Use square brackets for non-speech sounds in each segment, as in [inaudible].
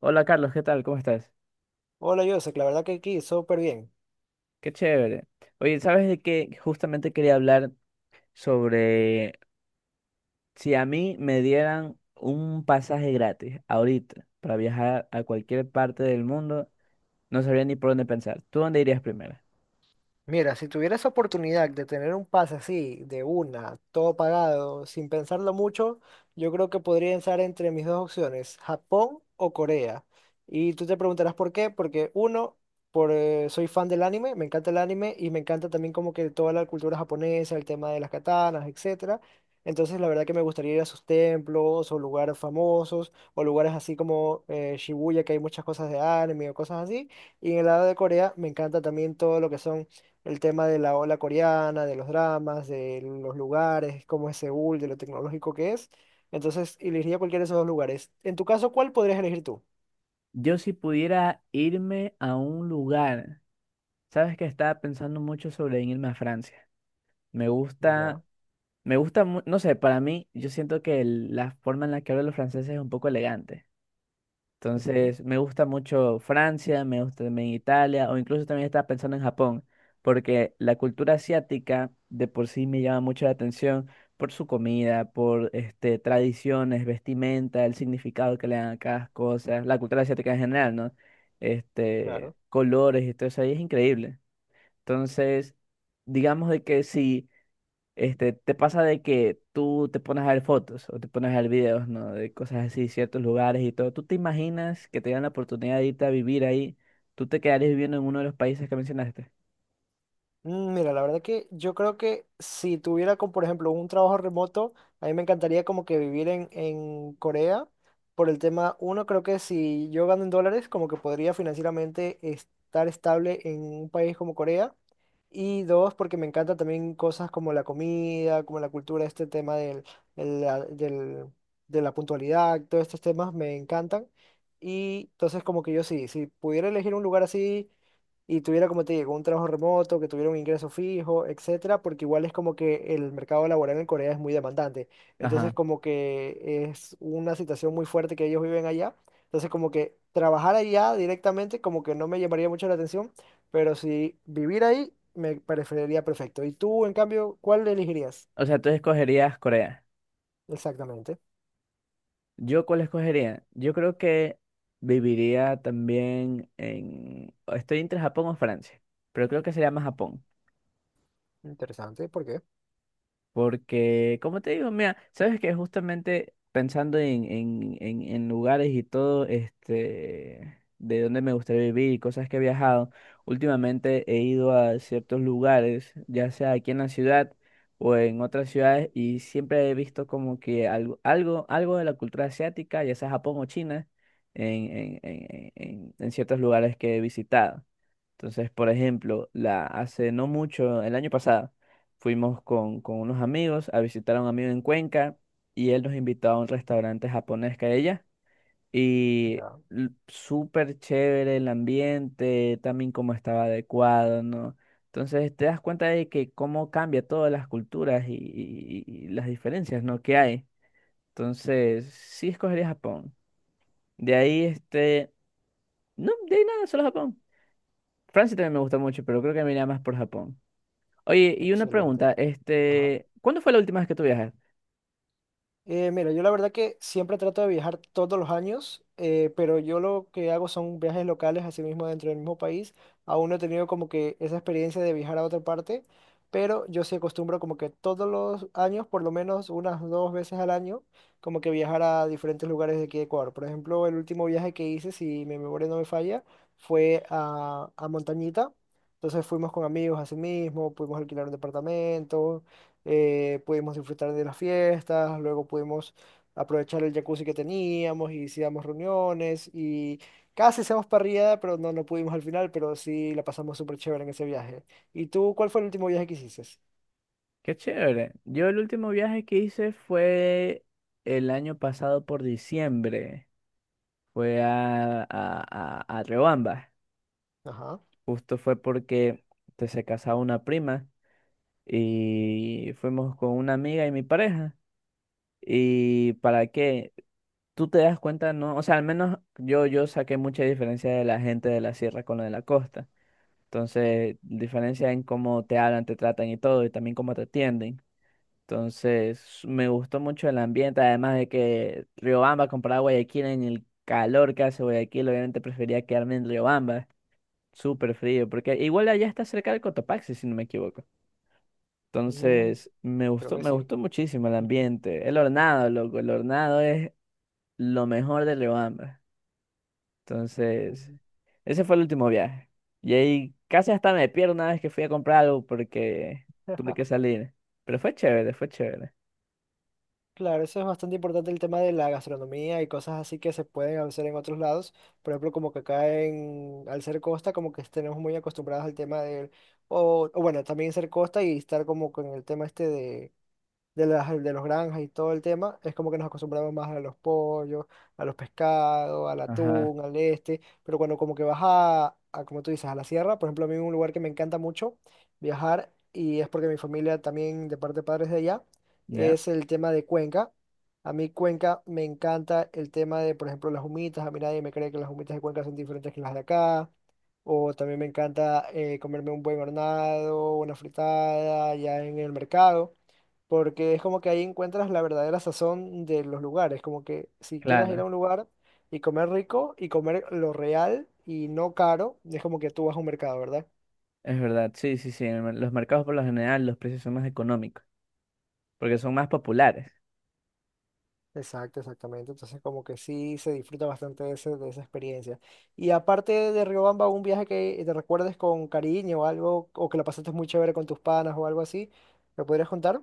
Hola, Carlos, ¿qué tal? ¿Cómo estás? Hola, Joseph, la verdad que aquí súper bien. Qué chévere. Oye, ¿sabes de qué? Justamente quería hablar sobre si a mí me dieran un pasaje gratis ahorita para viajar a cualquier parte del mundo, no sabría ni por dónde pensar. ¿Tú dónde irías primero? Mira, si tuvieras oportunidad de tener un pase así, de una, todo pagado, sin pensarlo mucho, yo creo que podría estar entre mis dos opciones, Japón o Corea. Y tú te preguntarás por qué, porque uno, soy fan del anime, me encanta el anime y me encanta también como que toda la cultura japonesa, el tema de las katanas, etcétera. Entonces la verdad que me gustaría ir a sus templos o lugares famosos o lugares así como Shibuya, que hay muchas cosas de anime o cosas así. Y en el lado de Corea me encanta también todo lo que son el tema de la ola coreana, de los dramas, de los lugares, cómo es Seúl, de lo tecnológico que es. Entonces, elegiría cualquiera de esos dos lugares. En tu caso, ¿cuál podrías elegir tú? Yo si pudiera irme a un lugar, sabes que estaba pensando mucho sobre en irme a Francia. Me gusta, Ya, me gusta, no sé, para mí yo siento que la forma en la que hablan los franceses es un poco elegante. ujú, Entonces, me gusta mucho Francia, me gusta también Italia, o incluso también estaba pensando en Japón, porque la cultura asiática de por sí me llama mucho la atención por su comida, tradiciones, vestimenta, el significado que le dan a cada cosa, la cultura asiática en general, ¿no? Claro. Colores y todo eso ahí es increíble. Entonces, digamos de que si te pasa de que tú te pones a ver fotos o te pones a ver videos, ¿no? De cosas así, ciertos lugares y todo. ¿Tú te imaginas que te dan la oportunidad de irte a vivir ahí? ¿Tú te quedarías viviendo en uno de los países que mencionaste? Mira, la verdad que yo creo que si tuviera, como por ejemplo, un trabajo remoto, a mí me encantaría como que vivir en Corea. Por el tema, uno, creo que si yo gano en dólares, como que podría financieramente estar estable en un país como Corea. Y dos, porque me encanta también cosas como la comida, como la cultura, este tema del, el- la- del- de la puntualidad, todos estos temas me encantan. Y entonces como que yo sí, si pudiera elegir un lugar así y tuviera, como te digo, un trabajo remoto, que tuviera un ingreso fijo, etcétera, porque igual es como que el mercado laboral en Corea es muy demandante. Ajá. Entonces, como que es una situación muy fuerte que ellos viven allá. Entonces, como que trabajar allá directamente, como que no me llamaría mucho la atención, pero si vivir ahí, me preferiría perfecto. ¿Y tú, en cambio, cuál elegirías? O sea, tú escogerías Corea. Exactamente. ¿Yo cuál escogería? Yo creo que viviría también en... Estoy entre Japón o Francia, pero creo que sería más Japón. Interesante, ¿por qué? Porque, como te digo, mira, sabes que justamente pensando en lugares y todo, de dónde me gustaría vivir y cosas que he viajado, últimamente he ido a ciertos lugares, ya sea aquí en la ciudad o en otras ciudades, y siempre he visto como que algo de la cultura asiática, ya sea Japón o China, en, en ciertos lugares que he visitado. Entonces, por ejemplo, hace no mucho, el año pasado. Fuimos con unos amigos a visitar a un amigo en Cuenca y él nos invitó a un restaurante japonés que hay allá. Y Ya, súper chévere el ambiente, también como estaba adecuado, ¿no? Entonces te das cuenta de que cómo cambia todas las culturas y las diferencias, ¿no?, que hay. Entonces, sí escogería Japón. De ahí, no, de ahí nada, solo Japón. Francia también me gusta mucho, pero creo que me iría más por Japón. Oye, y una excelente. pregunta, ¿cuándo fue la última vez que tú viajaste? Mira, yo la verdad que siempre trato de viajar todos los años, pero yo lo que hago son viajes locales, así mismo dentro del mismo país. Aún no he tenido como que esa experiencia de viajar a otra parte, pero yo sí acostumbro como que todos los años, por lo menos unas dos veces al año, como que viajar a diferentes lugares de aquí de Ecuador. Por ejemplo, el último viaje que hice, si mi memoria no me falla, fue a Montañita. Entonces fuimos con amigos así mismo, pudimos alquilar un departamento pudimos disfrutar de las fiestas, luego pudimos aprovechar el jacuzzi que teníamos y hicimos reuniones y casi hacemos parrillada, pero no, no pudimos al final, pero sí la pasamos súper chévere en ese viaje. ¿Y tú cuál fue el último viaje que hiciste? Qué chévere. Yo el último viaje que hice fue el año pasado por diciembre. Fue a Riobamba. Ajá, Justo fue porque se casaba una prima y fuimos con una amiga y mi pareja. ¿Y para qué? Tú te das cuenta, ¿no? O sea, al menos yo, yo saqué mucha diferencia de la gente de la sierra con la de la costa. Entonces, diferencia en cómo te hablan, te tratan y todo, y también cómo te atienden. Entonces, me gustó mucho el ambiente, además de que Riobamba comparado a Guayaquil en el calor que hace Guayaquil, obviamente prefería quedarme en Riobamba, súper frío, porque igual allá está cerca del Cotopaxi, si no me equivoco. mm, Entonces, creo que me sí. gustó muchísimo el Ujú, ambiente. El hornado, loco, el hornado es lo mejor de Riobamba. Entonces, ujú. ese fue el último viaje. Y ahí casi hasta me pierdo una vez que fui a comprar algo porque tuve que salir. Pero fue chévere, fue chévere. Claro, eso es bastante importante el tema de la gastronomía y cosas así que se pueden hacer en otros lados. Por ejemplo, como que acá en, al ser costa, como que tenemos muy acostumbrados al tema del, o bueno, también ser costa y estar como con el tema este de los granjas y todo el tema, es como que nos acostumbramos más a los pollos, a los pescados, al Ajá. atún, al este, pero cuando como que vas a, como tú dices, a la sierra, por ejemplo, a mí un lugar que me encanta mucho viajar, y es porque mi familia también de parte de padres de allá, ¿Ya? es el tema de Cuenca. A mí Cuenca me encanta el tema de, por ejemplo, las humitas, a mí nadie me cree que las humitas de Cuenca son diferentes que las de acá. O también me encanta comerme un buen hornado, una fritada, ya en el mercado porque es como que ahí encuentras la verdadera sazón de los lugares, como que si quieres ir Claro, a un lugar y comer rico y comer lo real y no caro, es como que tú vas a un mercado, ¿verdad? es verdad. Sí, sí, sí. Los mercados por lo general los precios son más económicos porque son más populares. Exacto, exactamente. Entonces como que sí se disfruta bastante de, ese- de esa experiencia. Y aparte de Riobamba, un viaje que te recuerdes con cariño o algo, o que la pasaste muy chévere con tus panas o algo así, ¿me podrías contar?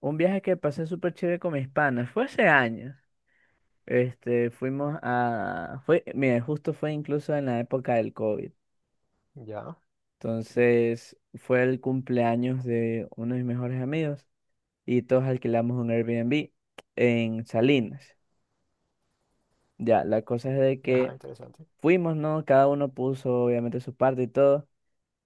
Un viaje que pasé súper chévere con mis panas fue hace años. Fuimos a... Fue, mira, justo fue incluso en la época del COVID. Ya, Entonces, fue el cumpleaños de uno de mis mejores amigos y todos alquilamos un Airbnb en Salinas. Ya, la cosa es de ajá, que interesante. fuimos, ¿no? Cada uno puso obviamente su parte y todo.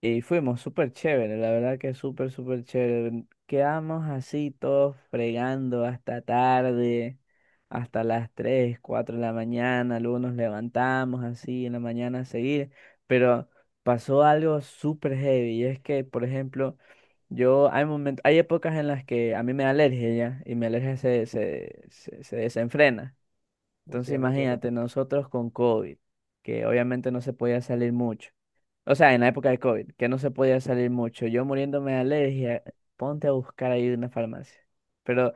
Y fuimos súper chévere, la verdad que súper, súper chévere. Quedamos así todos fregando hasta tarde, hasta las 3 4 de la mañana. Luego nos levantamos así en la mañana a seguir. Pero pasó algo súper heavy. Y es que, por ejemplo, yo hay momentos, hay épocas en las que a mí me da alergia ya, y mi alergia se desenfrena. Entonces Entiendo, entiendo. imagínate, nosotros con COVID, que obviamente no se podía salir mucho. O sea, en la época de COVID, que no se podía salir mucho. Yo muriéndome de alergia, ponte a buscar ahí una farmacia. Pero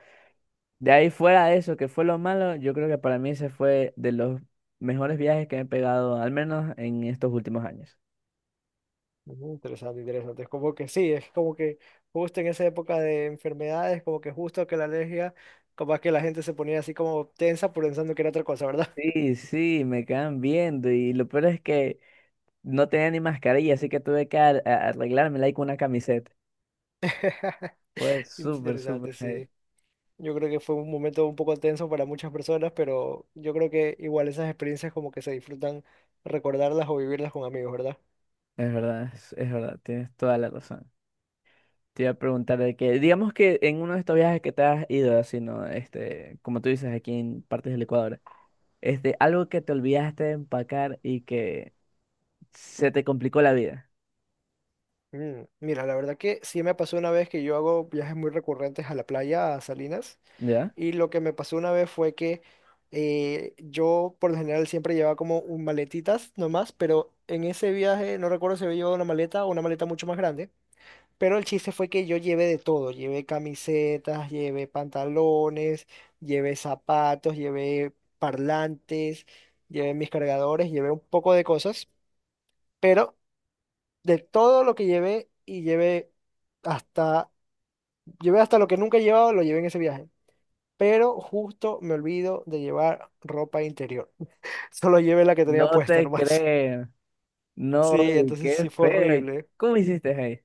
de ahí fuera de eso, que fue lo malo, yo creo que para mí ese fue de los mejores viajes que me he pegado, al menos en estos últimos años. Interesante, interesante. Es como que sí, es como que justo en esa época de enfermedades, como que justo que la alergia, como que la gente se ponía así como tensa por pensando que era otra cosa, ¿verdad? Sí, sí, me quedan viendo y lo peor es que no tenía ni mascarilla, así que tuve que arreglármela ahí con una camiseta. [laughs] Fue súper, Interesante, súper. sí. Yo creo que fue un momento un poco tenso para muchas personas, pero yo creo que igual esas experiencias como que se disfrutan recordarlas o vivirlas con amigos, ¿verdad? Es verdad, es verdad, tienes toda la razón. Te iba a preguntar de que, digamos que en uno de estos viajes que te has ido, así, ¿no? Como tú dices, aquí en partes del Ecuador, algo que te olvidaste de empacar y que se te complicó la vida, Mira, la verdad que sí me pasó una vez que yo hago viajes muy recurrentes a la playa, a Salinas. ¿ya? Y lo que me pasó una vez fue que yo por lo general siempre llevaba como un maletitas nomás, pero en ese viaje no recuerdo si había llevado una maleta o una maleta mucho más grande. Pero el chiste fue que yo llevé de todo, llevé camisetas, llevé pantalones, llevé zapatos, llevé parlantes, llevé mis cargadores, llevé un poco de cosas, pero de todo lo que llevé y hasta, llevé hasta lo que nunca he llevado, lo llevé en ese viaje pero justo me olvido de llevar ropa interior. [laughs] Solo llevé la que tenía No puesta te nomás. [laughs] creo, no, Sí, y entonces sí qué fue feo, ¿y horrible, cómo hiciste ahí?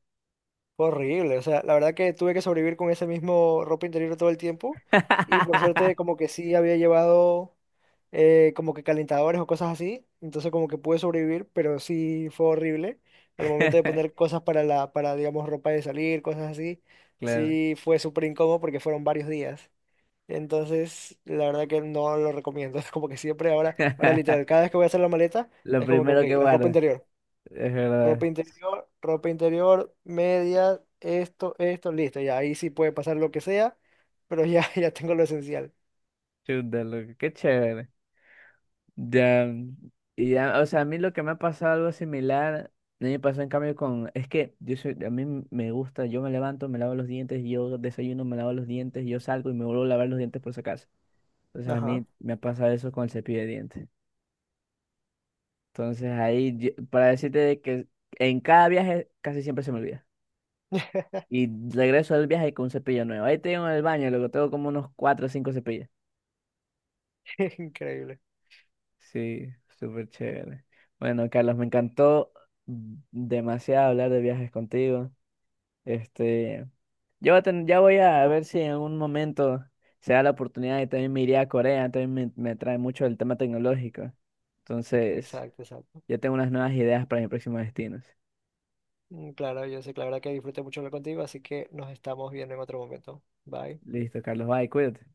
fue horrible. O sea, la verdad que tuve que sobrevivir con ese mismo ropa interior todo el tiempo y por [laughs] suerte como que sí había llevado como que calentadores o cosas así, entonces como que pude sobrevivir, pero sí fue horrible al momento de poner cosas para digamos ropa de salir, cosas así. Claro. Sí fue súper incómodo porque fueron varios días. Entonces, la verdad que no lo recomiendo. [laughs] Es como que siempre ahora, ahora literal, [laughs] cada vez que voy a hacer la maleta, Lo es como que, primero que ok, la guardo, ropa interior, es ropa verdad. interior, ropa interior, medias, esto, listo. Ya ahí sí puede pasar lo que sea, pero ya, [laughs] ya tengo lo esencial. Chuta, loco, qué chévere. Ya, y ya, o sea, a mí lo que me ha pasado algo similar, a mí me pasó en cambio con, es que yo soy, a mí me gusta, yo me levanto, me lavo los dientes, yo desayuno, me lavo los dientes, yo salgo y me vuelvo a lavar los dientes por si acaso. Entonces a Ajá. mí me ha pasado eso con el cepillo de dientes. Entonces ahí, para decirte de que en cada viaje casi siempre se me olvida. Y regreso del viaje con un cepillo nuevo. Ahí tengo en el baño, luego tengo como unos cuatro o cinco cepillos. [laughs] Increíble. Sí, súper chévere. Bueno, Carlos, me encantó demasiado hablar de viajes contigo. Este, yo voy a ya voy a ver si en un momento se da la oportunidad y también me iré a Corea, también me trae mucho el tema tecnológico. Entonces, Exacto, exacto. ya tengo unas nuevas ideas para mis próximos destinos. Mm, claro, yo sé que la verdad que disfruté mucho hablar contigo, así que nos estamos viendo en otro momento. Bye. Listo, Carlos, bye, cuídate.